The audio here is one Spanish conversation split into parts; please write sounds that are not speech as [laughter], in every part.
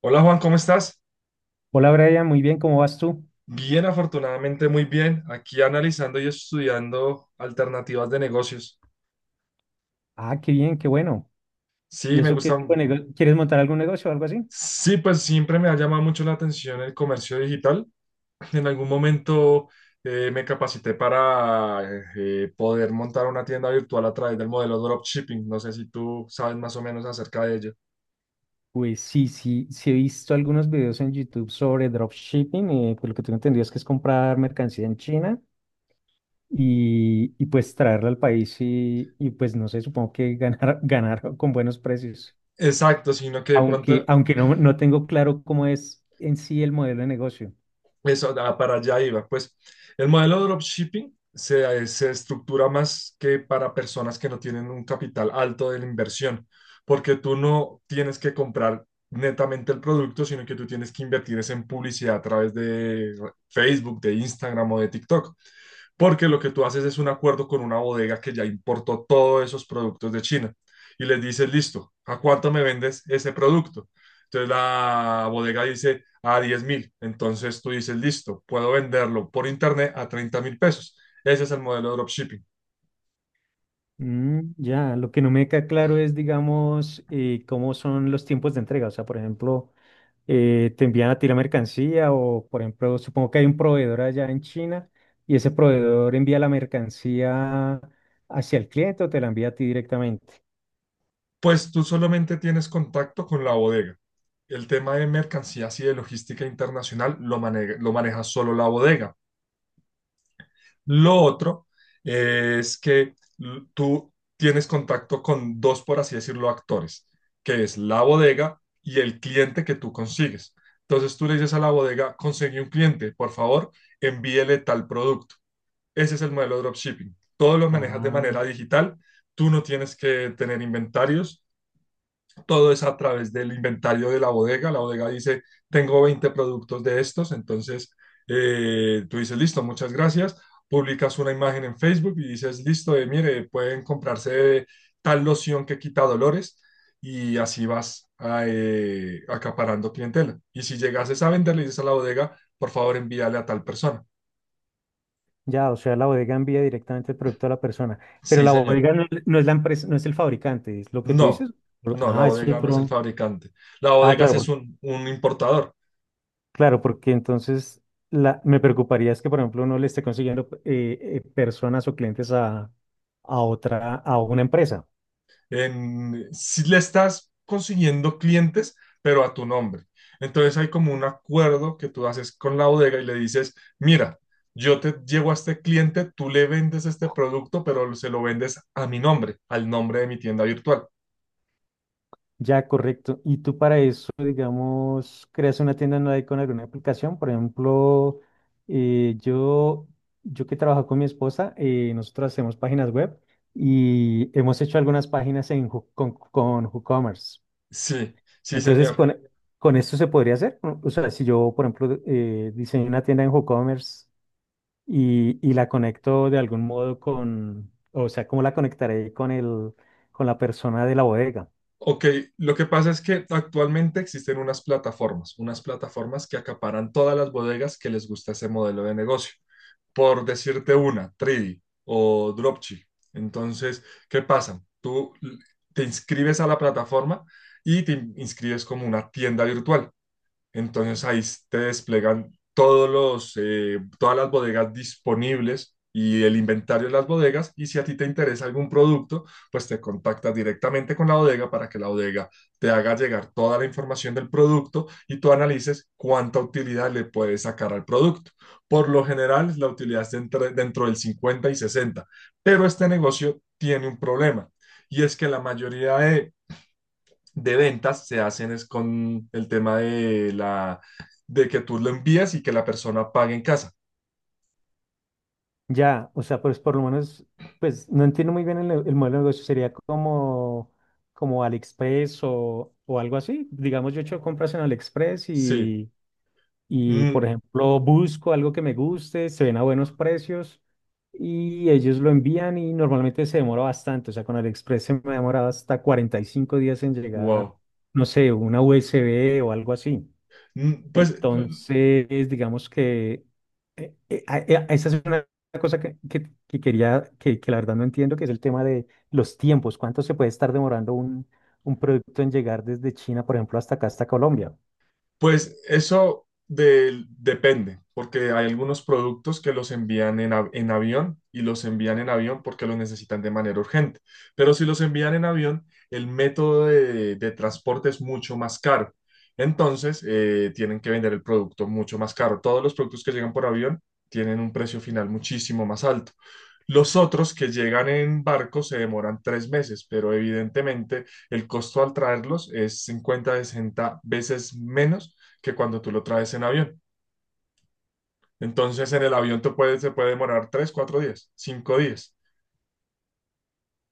Hola Juan, ¿cómo estás? Hola Brian, muy bien, ¿cómo vas tú? Bien, afortunadamente muy bien. Aquí analizando y estudiando alternativas de negocios. Ah, qué bien, qué bueno. ¿Y Sí, me eso qué tipo de gustan. negocio? ¿Quieres montar algún negocio o algo así? Sí, pues siempre me ha llamado mucho la atención el comercio digital. En algún momento me capacité para poder montar una tienda virtual a través del modelo dropshipping. No sé si tú sabes más o menos acerca de ello. Pues sí, he visto algunos videos en YouTube sobre dropshipping. Pues lo que tengo entendido es que es comprar mercancía en China y pues traerla al país y pues no sé, supongo que ganar, [laughs] ganar con buenos precios, Exacto, sino que de aunque, pronto. aunque no tengo claro cómo es en sí el modelo de negocio. Eso, ah, para allá iba. Pues el modelo de dropshipping se estructura más que para personas que no tienen un capital alto de la inversión, porque tú no tienes que comprar netamente el producto, sino que tú tienes que invertir es en publicidad a través de Facebook, de Instagram o de TikTok, porque lo que tú haces es un acuerdo con una bodega que ya importó todos esos productos de China y les dices, listo, ¿a cuánto me vendes ese producto? Entonces la bodega dice a 10.000, entonces tú dices, listo, puedo venderlo por internet a 30.000 pesos. Ese es el modelo de dropshipping. Ya, lo que no me queda claro es, digamos, cómo son los tiempos de entrega. O sea, por ejemplo, te envían a ti la mercancía o, por ejemplo, supongo que hay un proveedor allá en China y ese proveedor envía la mercancía hacia el cliente o te la envía a ti directamente. Pues tú solamente tienes contacto con la bodega. El tema de mercancías y de logística internacional lo maneja solo la bodega. Lo otro, es que tú tienes contacto con dos, por así decirlo, actores, que es la bodega y el cliente que tú consigues. Entonces tú le dices a la bodega, conseguí un cliente, por favor, envíele tal producto. Ese es el modelo de dropshipping. Todo lo manejas de Ah, manera digital. Tú no tienes que tener inventarios, todo es a través del inventario de la bodega. La bodega dice, tengo 20 productos de estos, entonces tú dices, listo, muchas gracias. Publicas una imagen en Facebook y dices, listo, mire, pueden comprarse tal loción que quita dolores y así vas acaparando clientela. Y si llegases a venderle, dices a la bodega, por favor envíale a tal persona. ya, o sea, la bodega envía directamente el producto a la persona, pero Sí, la señor. bodega no, es no es la empresa, no es el fabricante, es lo que tú No, dices. no, la Ah, es bodega no es el otro. fabricante. La Ah, bodega claro, sí es un importador. claro, porque entonces me preocuparía es que, por ejemplo, uno le esté consiguiendo personas o clientes a otra, a una empresa. En, si le estás consiguiendo clientes, pero a tu nombre. Entonces hay como un acuerdo que tú haces con la bodega y le dices, mira, yo te llevo a este cliente, tú le vendes este producto, pero se lo vendes a mi nombre, al nombre de mi tienda virtual. Ya, correcto. Y tú para eso, digamos, creas una tienda online con alguna aplicación. Por ejemplo, eh, yo, yo que trabajo con mi esposa. Nosotros hacemos páginas web y hemos hecho algunas páginas en, con WooCommerce. Sí, sí, Entonces, señor. Con esto se podría hacer, ¿no? O sea, si yo, por ejemplo, diseño una tienda en WooCommerce y la conecto de algún modo con, o sea, ¿cómo la conectaré con el, con la persona de la bodega? Ok, lo que pasa es que actualmente existen unas plataformas que acaparan todas las bodegas que les gusta ese modelo de negocio. Por decirte una, Tridi o Dropchi. Entonces, ¿qué pasa? Tú te inscribes a la plataforma y te inscribes como una tienda virtual. Entonces ahí te desplegan todas las bodegas disponibles y el inventario de las bodegas. Y si a ti te interesa algún producto, pues te contactas directamente con la bodega para que la bodega te haga llegar toda la información del producto y tú analices cuánta utilidad le puedes sacar al producto. Por lo general, la utilidad es dentro del 50 y 60, pero este negocio tiene un problema. Y es que la mayoría de ventas se hacen es con el tema de la de que tú lo envías y que la persona pague en casa. Ya, o sea, pues por lo menos, pues no entiendo muy bien el modelo de negocio. Sería como, como AliExpress o algo así. Digamos, yo he hecho compras en AliExpress Sí. Y, por Mm, ejemplo, busco algo que me guste, se ven a buenos precios y ellos lo envían y normalmente se demora bastante. O sea, con AliExpress se me ha demorado hasta 45 días en llegar, wow. no sé, una USB o algo así. Mm, Pues Entonces, digamos que esa es una cosa que quería, que la verdad no entiendo, que es el tema de los tiempos. ¿Cuánto se puede estar demorando un producto en llegar desde China, por ejemplo, hasta acá, hasta Colombia? Pues eso depende, porque hay algunos productos que los envían en, en avión y los envían en avión porque los necesitan de manera urgente. Pero si los envían en avión, el método de transporte es mucho más caro. Entonces, tienen que vender el producto mucho más caro. Todos los productos que llegan por avión tienen un precio final muchísimo más alto. Los otros que llegan en barco se demoran 3 meses, pero evidentemente el costo al traerlos es 50, 60 veces menos que cuando tú lo traes en avión. Entonces en el avión te puede, se puede demorar tres, cuatro días, 5 días.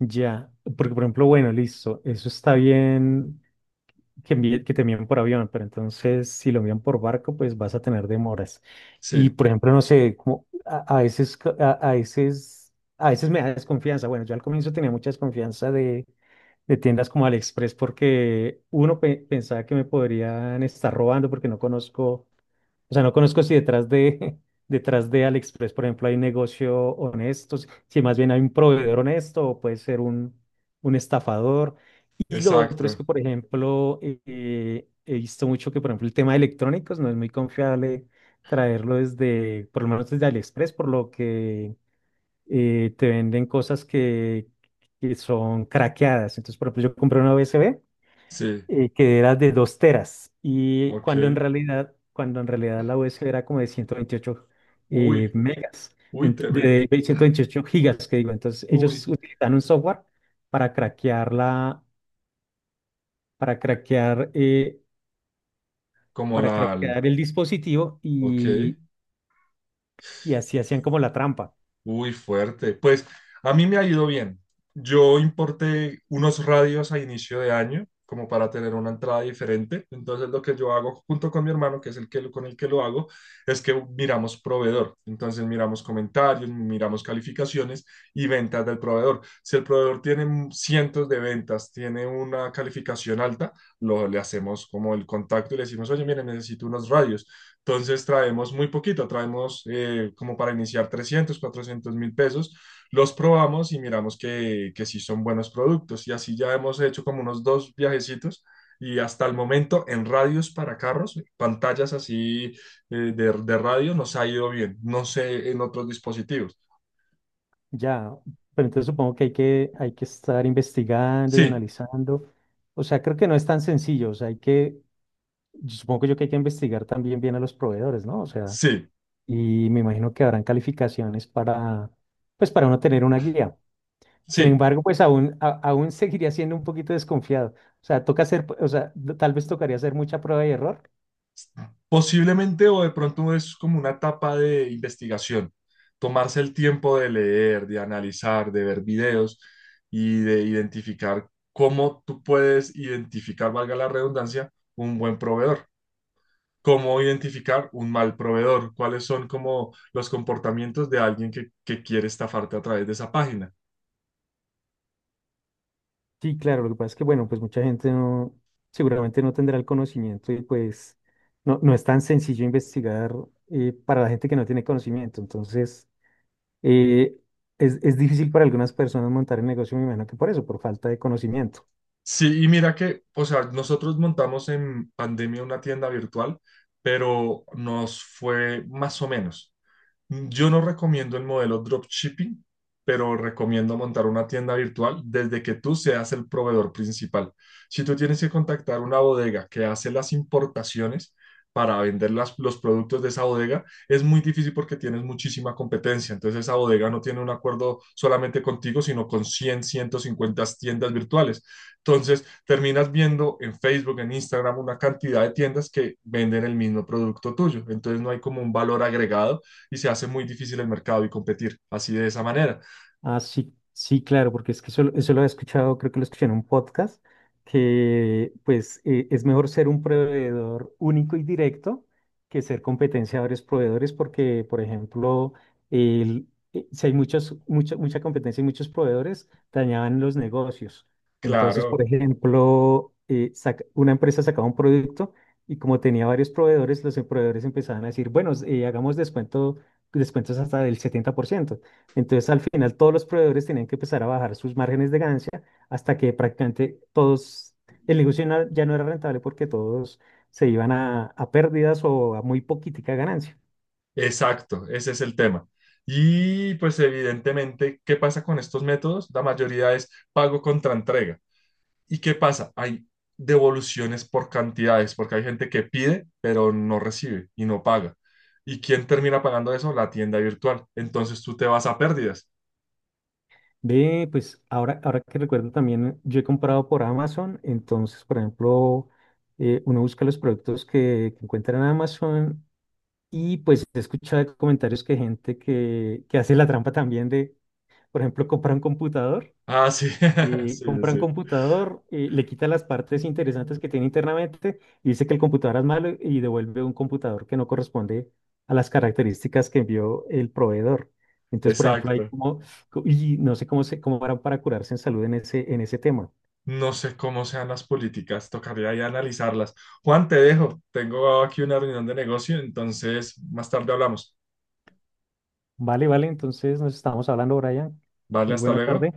Ya, porque por ejemplo, bueno, listo, eso está bien que, que te envíen por avión, pero entonces si lo envían por barco, pues vas a tener demoras. Y Sí, por ejemplo, no sé, como a veces, a veces, a veces me da desconfianza. Bueno, yo al comienzo tenía mucha desconfianza de tiendas como AliExpress porque uno pensaba que me podrían estar robando porque no conozco. O sea, no conozco si detrás de, [laughs] detrás de AliExpress, por ejemplo, hay un negocio honesto, si más bien hay un proveedor honesto o puede ser un estafador. Y lo otro es que, exacto. por ejemplo, he visto mucho que, por ejemplo, el tema de electrónicos no es muy confiable traerlo desde, por lo menos desde AliExpress, por lo que te venden cosas que son craqueadas. Entonces, por ejemplo, yo compré una USB, Sí, que era de 2 teras y ok. Cuando en realidad la USB era como de 128, Uy, megas, uy, te ven. de 128 gigas, que digo. Entonces ellos Uy, utilizan un software para craquear para craquear, como para la al-. craquear el dispositivo Ok. Y así hacían como la trampa. Uy, fuerte. Pues a mí me ha ido bien. Yo importé unos radios a inicio de año, como para tener una entrada diferente. Entonces lo que yo hago junto con mi hermano, que es el que, con el que lo hago, es que miramos proveedor. Entonces miramos comentarios, miramos calificaciones y ventas del proveedor. Si el proveedor tiene cientos de ventas, tiene una calificación alta, le hacemos como el contacto y le decimos, oye, mire, necesito unos radios. Entonces traemos muy poquito, traemos como para iniciar 300.000, 400.000 pesos, los probamos y miramos que sí son buenos productos. Y así ya hemos hecho como unos dos viajecitos y hasta el momento en radios para carros, pantallas así, de radio, nos ha ido bien. No sé en otros dispositivos. Ya, pero entonces supongo que hay que, hay que estar investigando y Sí, analizando. O sea, creo que no es tan sencillo. O sea, hay que, yo supongo yo que hay que investigar también bien a los proveedores, ¿no? O sea, sí, y me imagino que habrán calificaciones para, pues para uno tener una guía. Sin sí. embargo, pues aún, aún [laughs] seguiría siendo un poquito desconfiado. O sea, toca hacer, o sea, tal vez tocaría hacer mucha prueba y error. Posiblemente o de pronto es como una etapa de investigación, tomarse el tiempo de leer, de analizar, de ver videos y de identificar cómo tú puedes identificar, valga la redundancia, un buen proveedor, cómo identificar un mal proveedor, cuáles son como los comportamientos de alguien que quiere estafarte a través de esa página. Sí, claro, lo que pasa es que, bueno, pues mucha gente no, seguramente no tendrá el conocimiento y pues no es tan sencillo investigar, para la gente que no tiene conocimiento. Entonces, eh, es difícil para algunas personas montar el negocio, me imagino que por eso, por falta de conocimiento. Sí, y mira que, o sea, nosotros montamos en pandemia una tienda virtual, pero nos fue más o menos. Yo no recomiendo el modelo dropshipping, pero recomiendo montar una tienda virtual desde que tú seas el proveedor principal. Si tú tienes que contactar una bodega que hace las importaciones para vender los productos de esa bodega, es muy difícil porque tienes muchísima competencia. Entonces esa bodega no tiene un acuerdo solamente contigo, sino con 100, 150 tiendas virtuales. Entonces terminas viendo en Facebook, en Instagram, una cantidad de tiendas que venden el mismo producto tuyo. Entonces no hay como un valor agregado y se hace muy difícil el mercado y competir así de esa manera. Ah, sí, sí, claro, porque es que eso lo he escuchado, creo que lo escuché en un podcast, que pues es mejor ser un proveedor único y directo que ser competencia de varios proveedores, porque, por ejemplo, el- si hay muchas, mucha competencia y muchos proveedores, dañaban los negocios. Entonces, por Claro, ejemplo, una empresa sacaba un producto y como tenía varios proveedores, los proveedores empezaban a decir, bueno, hagamos descuento, descuentos hasta del 70%. Entonces, al final, todos los proveedores tenían que empezar a bajar sus márgenes de ganancia hasta que prácticamente todos, el negocio ya no era rentable porque todos se iban a pérdidas o a muy poquitica ganancia. exacto, ese es el tema. Y pues evidentemente, ¿qué pasa con estos métodos? La mayoría es pago contra entrega. ¿Y qué pasa? Hay devoluciones por cantidades, porque hay gente que pide, pero no recibe y no paga. ¿Y quién termina pagando eso? La tienda virtual. Entonces tú te vas a pérdidas. Ve, pues ahora, ahora que recuerdo también, yo he comprado por Amazon. Entonces, por ejemplo, uno busca los productos que encuentra en Amazon y pues he escuchado comentarios que gente que hace la trampa también de, por ejemplo, Ah, sí, [laughs] sí, sí, compra un sí. computador, le quita las partes interesantes que tiene internamente y dice que el computador es malo y devuelve un computador que no corresponde a las características que envió el proveedor. Entonces, por ejemplo, hay Exacto. como, y no sé cómo se, cómo harán para curarse en salud en ese tema. No sé cómo sean las políticas, tocaría ya analizarlas. Juan, te dejo. Tengo aquí una reunión de negocio, entonces más tarde hablamos. Vale, vale, entonces nos estamos hablando, Brian. Vale, Muy hasta buena luego. tarde.